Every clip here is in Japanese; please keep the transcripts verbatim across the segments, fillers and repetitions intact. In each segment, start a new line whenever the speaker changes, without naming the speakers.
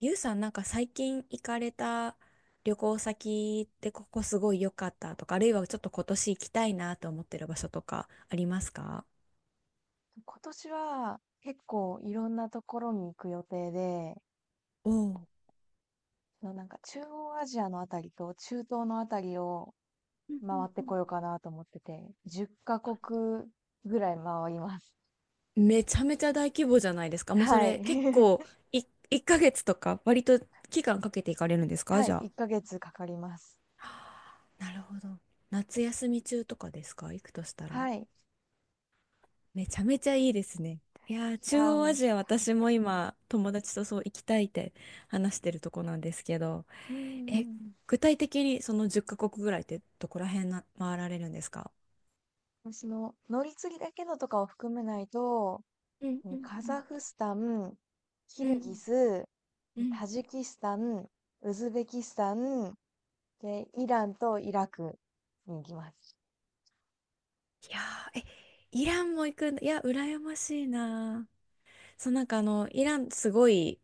ゆうさん、なんか最近行かれた旅行先ってここすごい良かったとか、あるいはちょっと今年行きたいなと思ってる場所とかありますか？
今年は結構いろんなところに行く予定で、
おお。
そのなんか中央アジアのあたりと中東のあたりを回ってこようかなと思ってて、じゅっかこくカ国ぐらい回ります。
う、めちゃめちゃ大規模じゃないです か。もうそ
はい。
れ結構、 い、いっかげつとか割と期間かけて行かれるんですか
は
じ
い。
ゃあ？
いっかげつかかります。
なるほど。夏休み中とかですか、行くとしたら？
はい。い
めちゃめちゃいいですね。いやー、中
やー
央
もう、
ア
はい。
ジア私も今友達とそう行きたいって話してるとこなんですけど。
うんうん
え、
うん。
具体的にそのじゅっカ国ぐらいってどこら辺な回られるんですか？
私の乗り継ぎだけのとかを含めないと、
うん
も
う
う
ん。
カザフスタン、キ
うん
ルギス、
うん。うん。
タジキスタン、ウズベキスタン、で、イランとイラクに行きます。
いやー、え、イランも行くんだ。いや、羨ましいなー。そう、なんかあの、イランすごい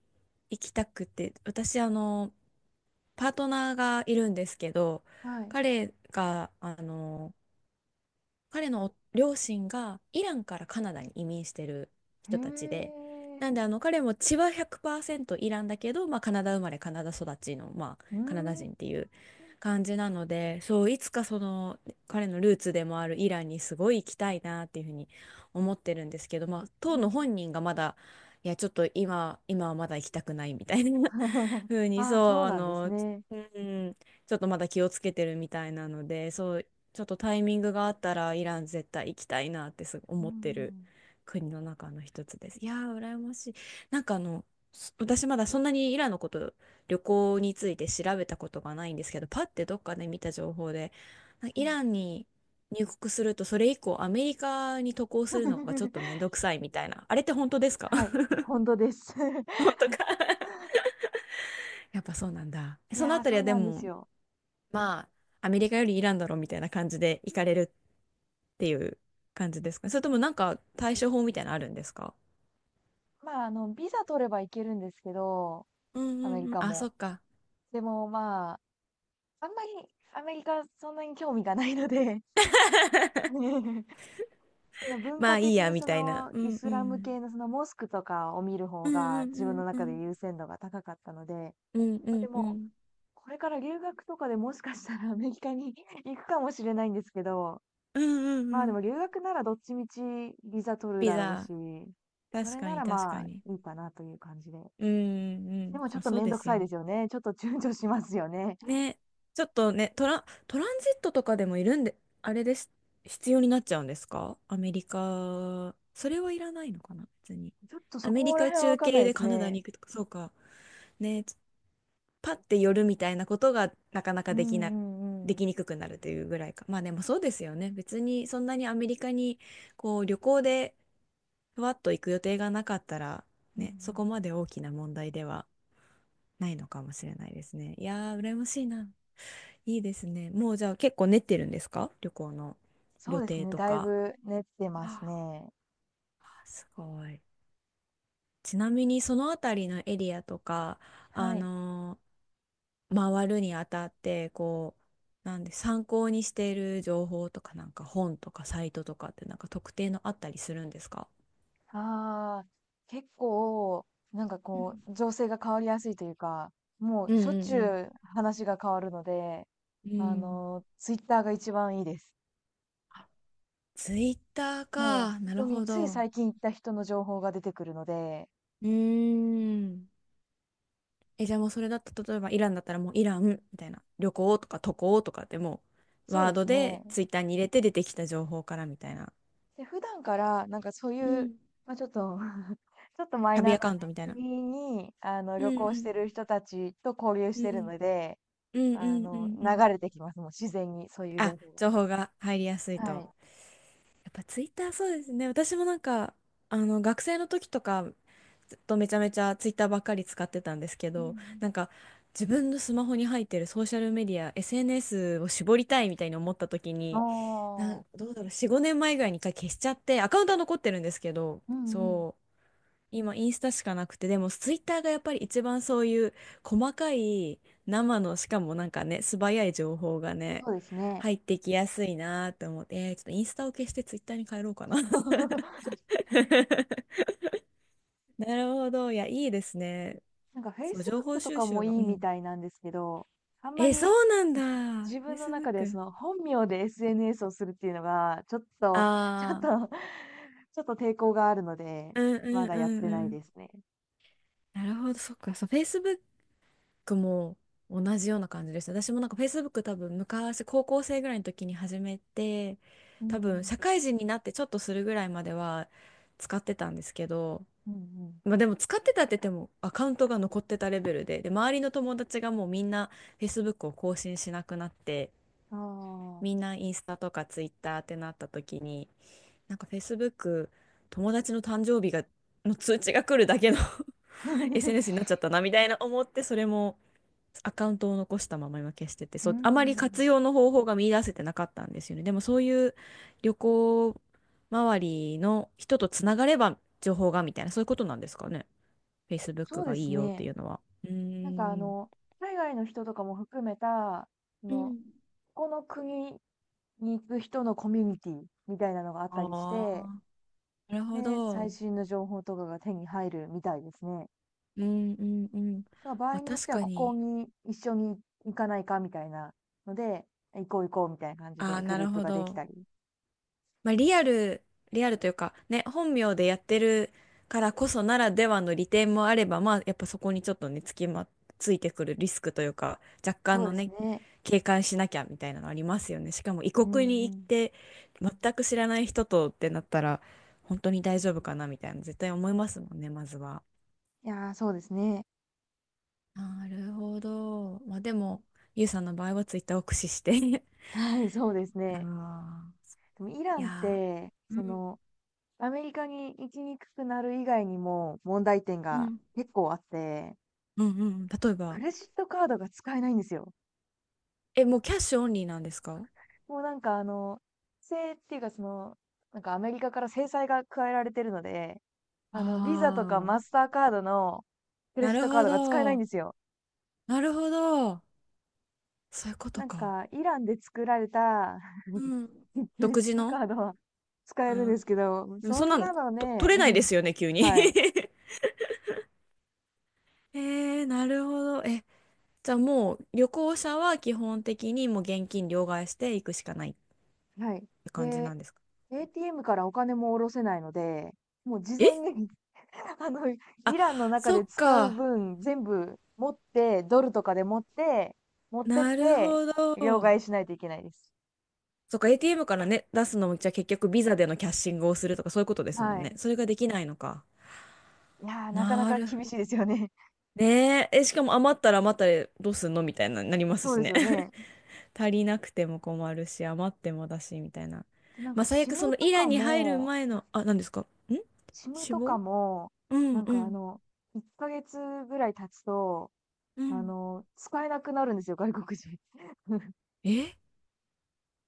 行きたくて、私あの、パートナーがいるんですけど、
はい。
彼が、あの、彼の両親がイランからカナダに移民してる
へ
人たちで、
え。
なんであの彼も血はひゃくパーセントイランだけど、まあ、カナダ生まれカナダ育ちの、まあ、
うー
カナダ
ん。
人っていう感じなので、そういつかその彼のルーツでもあるイランにすごい行きたいなっていうふうに思ってるんですけど、まあ、当の本人がまだ、いやちょっと今、今はまだ行きたくないみたいな ふうに、
あ
そ
あ、そ
う
う
あ
なんです
の、
ね。
うん、ちょっとまだ気をつけてるみたいなので、そうちょっとタイミングがあったらイラン絶対行きたいなってすごい
う
思ってる
ん。
国の中の一つです。いやー羨ましい。なんかあのす、私まだそんなにイランのこと、旅行について調べたことがないんですけど、パッてどっかで見た情報でなんか
う
イ
ん
ランに入国するとそれ以降アメリカに渡航するのがちょっとめ んどくさいみたいな、あれって本当ですか？
はい、本当です。
本当か。 やっぱそうなんだ。
い
その
や
あ
ー、
たり
そ
は
う
で
なんで
も、
すよ。
まあ、アメリカよりイランだろみたいな感じで行かれるっていう感じですか？それともなんか対処法みたいなのあるんですか？
まあ、あの、ビザ取れば行けるんですけど、
うん
アメ
うん
リ
うん。
カ
あ、そ
も。
っか。
でも、まあ、あんまりアメリカそんなに興味がないので、 その文
ま
化
あいい
的
や、
に
み
そ
たいな。
の
う
イ
ん
ス
う
ラム
ん。
系のそのモスクとかを見る方
うん
が
う
自分の
んうんう
中で
ん。
優先度が高かったので、
うんう
まあ、で
んう
も、
ん。
これから留学とかでもしかしたら アメリカに 行くかもしれないんですけど、
うんう
ま
ん
あ、
う
で
ん。
も留学ならどっちみちビザ取る
ビ
だろう
ザ。
し、そ
確
れ
か
な
に、
ら
確
ま
か
あ、
に。
いいかなという感じで。
うんうんう
で
ん。
もちょ
ま
っ
あ
と
そう
めん
で
どく
す
さ
よ
い
ね。
ですよね。ちょっと躊躇しますよね。
ね、ちょっとね、トラン、トランジットとかでもいるんで、あれです、必要になっちゃうんですかアメリカ、それはいらないのかな、別に。
ちょっとそ
アメリ
こら
カ
辺はわ
中
かんない
継
で
で
す
カナダ
ね。
に行くとか、そうか。ね、パッて寄るみたいなことがなかな
う
か
ん
できな、
うんうん。
で
うん
きにくくなるというぐらいか。まあでもそうですよね。別にそんなにアメリカにこう旅行でふわっと行く予定がなかったら、
うん。
ね、そこまで大きな問題ではないのかもしれないですね。いやー、羨ましいな。いいですね。もうじゃあ結構練ってるんですか、旅行の
そう
予
です
定
ね、
と
だい
か？
ぶ練ってます
あ
ね。
ーすごい。ちなみにそのあたりのエリアとか、
は
あ
い。
のー回るにあたって、こう、なんで参考にしている情報とか、なんか本とかサイトとかってなんか特定のあったりするんですか？
ああ、結構、なんか
う
こ
ん
う、情勢が変わりやすいというか、も
う
うしょっちゅ
ん
う話が変わるので、
うん。う
あ
ん。
の、ツイッターが一番いいです。
ツイッター
も
か。
う
なる
本当に
ほ
つい
ど。
最近行った人の情報が出てくるので、
うーん。え、じゃあもうそれだと、例えばイランだったらもうイランみたいな、旅行とか渡航とかってもう
そう
ワー
で
ド
す
で
ね。
ツイッターに入れて出てきた情報からみたいな。
で、普段からなんかそう
う
いう、
ん。
まあ、ちょっと ちょっとマイナ
旅
ー
ア
な
カウントみたい
ね、
な。
国に、あの、
う
旅
んう
行して
ん。
る人たちと交流し
う
てる
ん
ので、
うんう
あ
んう
の、
んう
流
ん。
れてきます。もう自然にそういう情
あ、
報
情報が入りやすい
が。は
と。
い。
やっぱツイッターそうですね。私もなんか、あの、学生の時とか、ずっとめちゃめちゃツイッターばっかり使ってたんですけ
うんう
ど、
ん、
なんか、自分のスマホに入ってるソーシャルメディア、エスエヌエス を絞りたいみたいに思った時
あ
に、なん、
あ、
どうだろう、よん、ごねんまえぐらいに一回消しちゃって、アカウントは残ってるんですけど、
うんうん。
そう今インスタしかなくて、でもツイッターがやっぱり一番そういう細かい、生の、しかもなんかね、素早い情報がね、
そうですね。
入ってきやすいなと思って、えーちょっとインスタを消してツイッターに変えろうかな。なるほど。いや、いいですね。
なんか
そう、情報
フェイスブック と
収
か
集
も
が。
い
う
いみ
ん。
たいなんですけど、あんま
え、そ
り、
うなんだ。
自分の中でそ
Facebook。
の本名で エスエヌエス をするっていうのが、ちょっと ちょっ
ああ。
とちょっと抵抗があるので、
うんう
ま
ん
だ
う
やって
んう
ない
ん。
ですね。
なるほど。そっか。そう、Facebook クも同じような感じでした。私もなんか Facebook 多分昔高校生ぐらいの時に始めて、
う
多分
ん
社会人になってちょっとするぐらいまでは使ってたんですけど、
うん。うん
まあでも使ってたって言ってもアカウントが残ってたレベルで、で、周りの友達がもうみんな Facebook を更新しなくなって、
うん。あ
みん
あ。
なインスタとか Twitter ってなった時に、なんか Facebook 友達の誕生日がの通知が来るだけの エスエヌエス になっ ちゃったなみたいな思って、それもアカウントを残したまま今消し
うんうんうんうん、ああ、
てて、
う
そう、あま
ん、
り
んうん、
活用の方法が見出せてなかったんですよね。でもそういう旅行周りの人とつながれば情報がみたいな、そういうことなんですかね。Facebook
そうで
がい
す
いよって
ね。
いうのは。う
なんかあ
ーん。
の、海外の人とかも含めた、そ
う
の、
ん。
ここの国に行く人のコミュニティみたいなのがあったりし
あ
て、
あ、なるほ
で、最
ど。
新の情報とかが手に入るみたいですね。
うんうんうん。
だから場合
まあ
によっ
確
ては、
か
ここ
に。
に一緒に行かないかみたいなので、行こう行こうみたいな感じ
あ
で
あ、
グ
な
ルー
る
プ
ほ
ができ
ど。
たり。
まあ、リアル、リアルというか、ね、本名でやってるからこそならではの利点もあれば、まあ、やっぱそこにちょっとね、つきま、ついてくるリスクというか、若
そ
干
う
の
です
ね、
ね。
警戒しなきゃみたいなのありますよね。しかも異
うん
国に行
う
っ
ん。
て、全く知らない人とってなったら、本当に大丈夫かなみたいな、絶対思いますもんね、まずは。
いや、そうですね。
なるほど。まあ、でも、ゆうさんの場合はツイッターを駆使して。
はい、そうですね。
ああ、
でもイラ
い
ンっ
や
て、その、アメリカに行きにくくなる以外にも問題点
ー、う
が
ん
結構あって、
うんうんうん。例え
ク
ば、
レジットカードが使えないんですよ。
え、もうキャッシュオンリーなんですか？
もうなんかあの、制っていうかその、なんかアメリカから制裁が加えられてるので、あの、ビザとか
あ
マ
あ、
スターカードのクレ
な
ジッ
る
トカー
ほ
ドが使えないん
ど。
ですよ。
なるほど。そういうこと
なん
か。
か、イランで作られた
うん。
クレ
独
ジッ
自
トカ
の。
ードは使え
う
るんで
ん。
すけど、
でも
そ
そん
ん
なの
なの
と
ね、
取れないで すよね、急に。
はい、
えー、なるほど。え、じゃあもう旅行者は基本的にもう現金両替していくしかないっ
はい。
て感じな
で、
んですか？
エーティーエム からお金も下ろせないので、もう事前
え、
に あの、イ
あ、
ランの中
そ
で
っ
使う
か。
分、全部持って、ドルとかで持って、持ってっ
なる
て、
ほ
両
ど。
替しないといけないです。
そっか、エーティーエム からね、出すのも、じゃあ結局ビザでのキャッシングをするとかそういうことですもん
は
ね。
い。
それができないのか。
いやー、なかな
な
か
る。
厳しいですよね。
ねえ、え、しかも余ったら余ったでどうすんのみたいな、なり ます
そう
し
です
ね。
よね。
足りなくても困るし、余ってもだし、みたいな。
で、なん
ま
か
あ、最
シ
悪そ
ム
の
と
イラン
か
に入る
も、
前
あ、
の、あ、何ですかん、
シム
死
とか
亡。
も、
う
な
ん
ん
う
かあ
ん。
の、いっかげつぐらい経つと、
う
あ
ん。
の、使えなくなるんですよ、外国人。
え、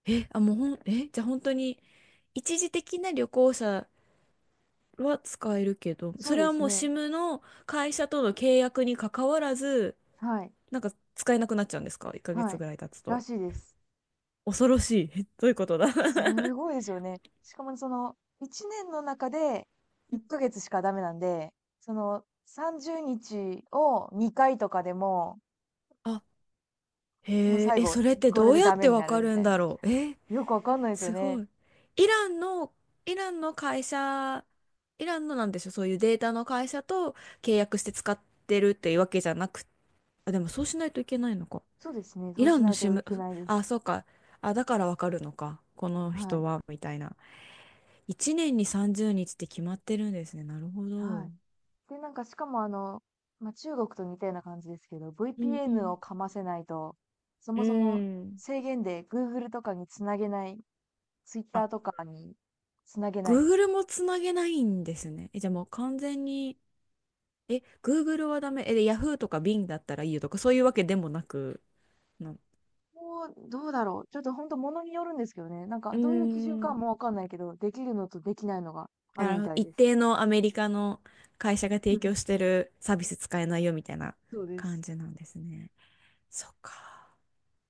え、あ、もうほん、え、じゃあ本当に、一時的な旅行者は使えるけど、そ
そう
れ
で
は
す
もう
ね。
SIM の会社との契約に関わらず、
はい。
なんか使えなくなっちゃうんですか？ いっ ヶ
は
月
い。
ぐらい経つ
ら
と。
しいです。
恐ろしい。えどういうことだ。
すごいですよね。しかもその、いちねんの中でいっかげつしかダメなんで、その、さんじゅうにちをにかいとかでも、もう
へえ、
最
え、
後、
それって
これ
どう
で
や
ダ
っ
メ
て
に
わ
な
か
るみ
る
た
ん
い
だ
な。
ろう。え、
よくわかんないですよ
すご
ね。
い。イランの、イランの会社、イランのなんでしょう、そういうデータの会社と契約して使ってるっていうわけじゃなく、あ、でもそうしないといけないのか。
そうですね。そ
イ
う
ラ
し
ンの
ない
シ
とい
ム、
けないで
あ、
す。
そうか。あ、だからわかるのか。この
は
人
い。
は、みたいな。いちねんにさんじゅうにちって決まってるんですね。なるほ
は
ど。
い。で、なんかしかもあの、まあ、中国と似たような感じですけど、
うんう
ブイピーエヌ を
ん。
かませないと、そ
う
もそも
ん。
制限で グーグル とかにつなげない、
あ、
ツイッター とかにつなげない。
Google もつなげないんですね。え、じゃあもう完全に、え、Google はダメ。え、で Yahoo とか Bing だったらいいよとか、そういうわけでもなく、な、う
もう、どうだろう。ちょっと本当物によるんですけどね。なん
ー
かどういう基準か
ん、
もわかんないけど、できるのとできないのがある
なる
み
ほど。
たい
一
です。
定のアメリカの会社が提供し てるサービス使えないよみたいな
そうで
感
す。
じなんですね。そっか。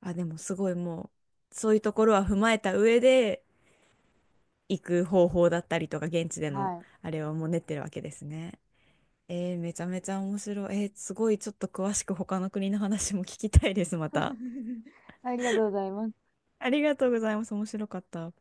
あ、でもすごいもう、そういうところは踏まえた上で行く方法だったりとか、現地での
はい。
あれはもう練ってるわけですね。えー、めちゃめちゃ面白い。えーすごいちょっと詳しく他の国の話も聞きたいです、また。
ありがとうございます。
ありがとうございます。面白かった。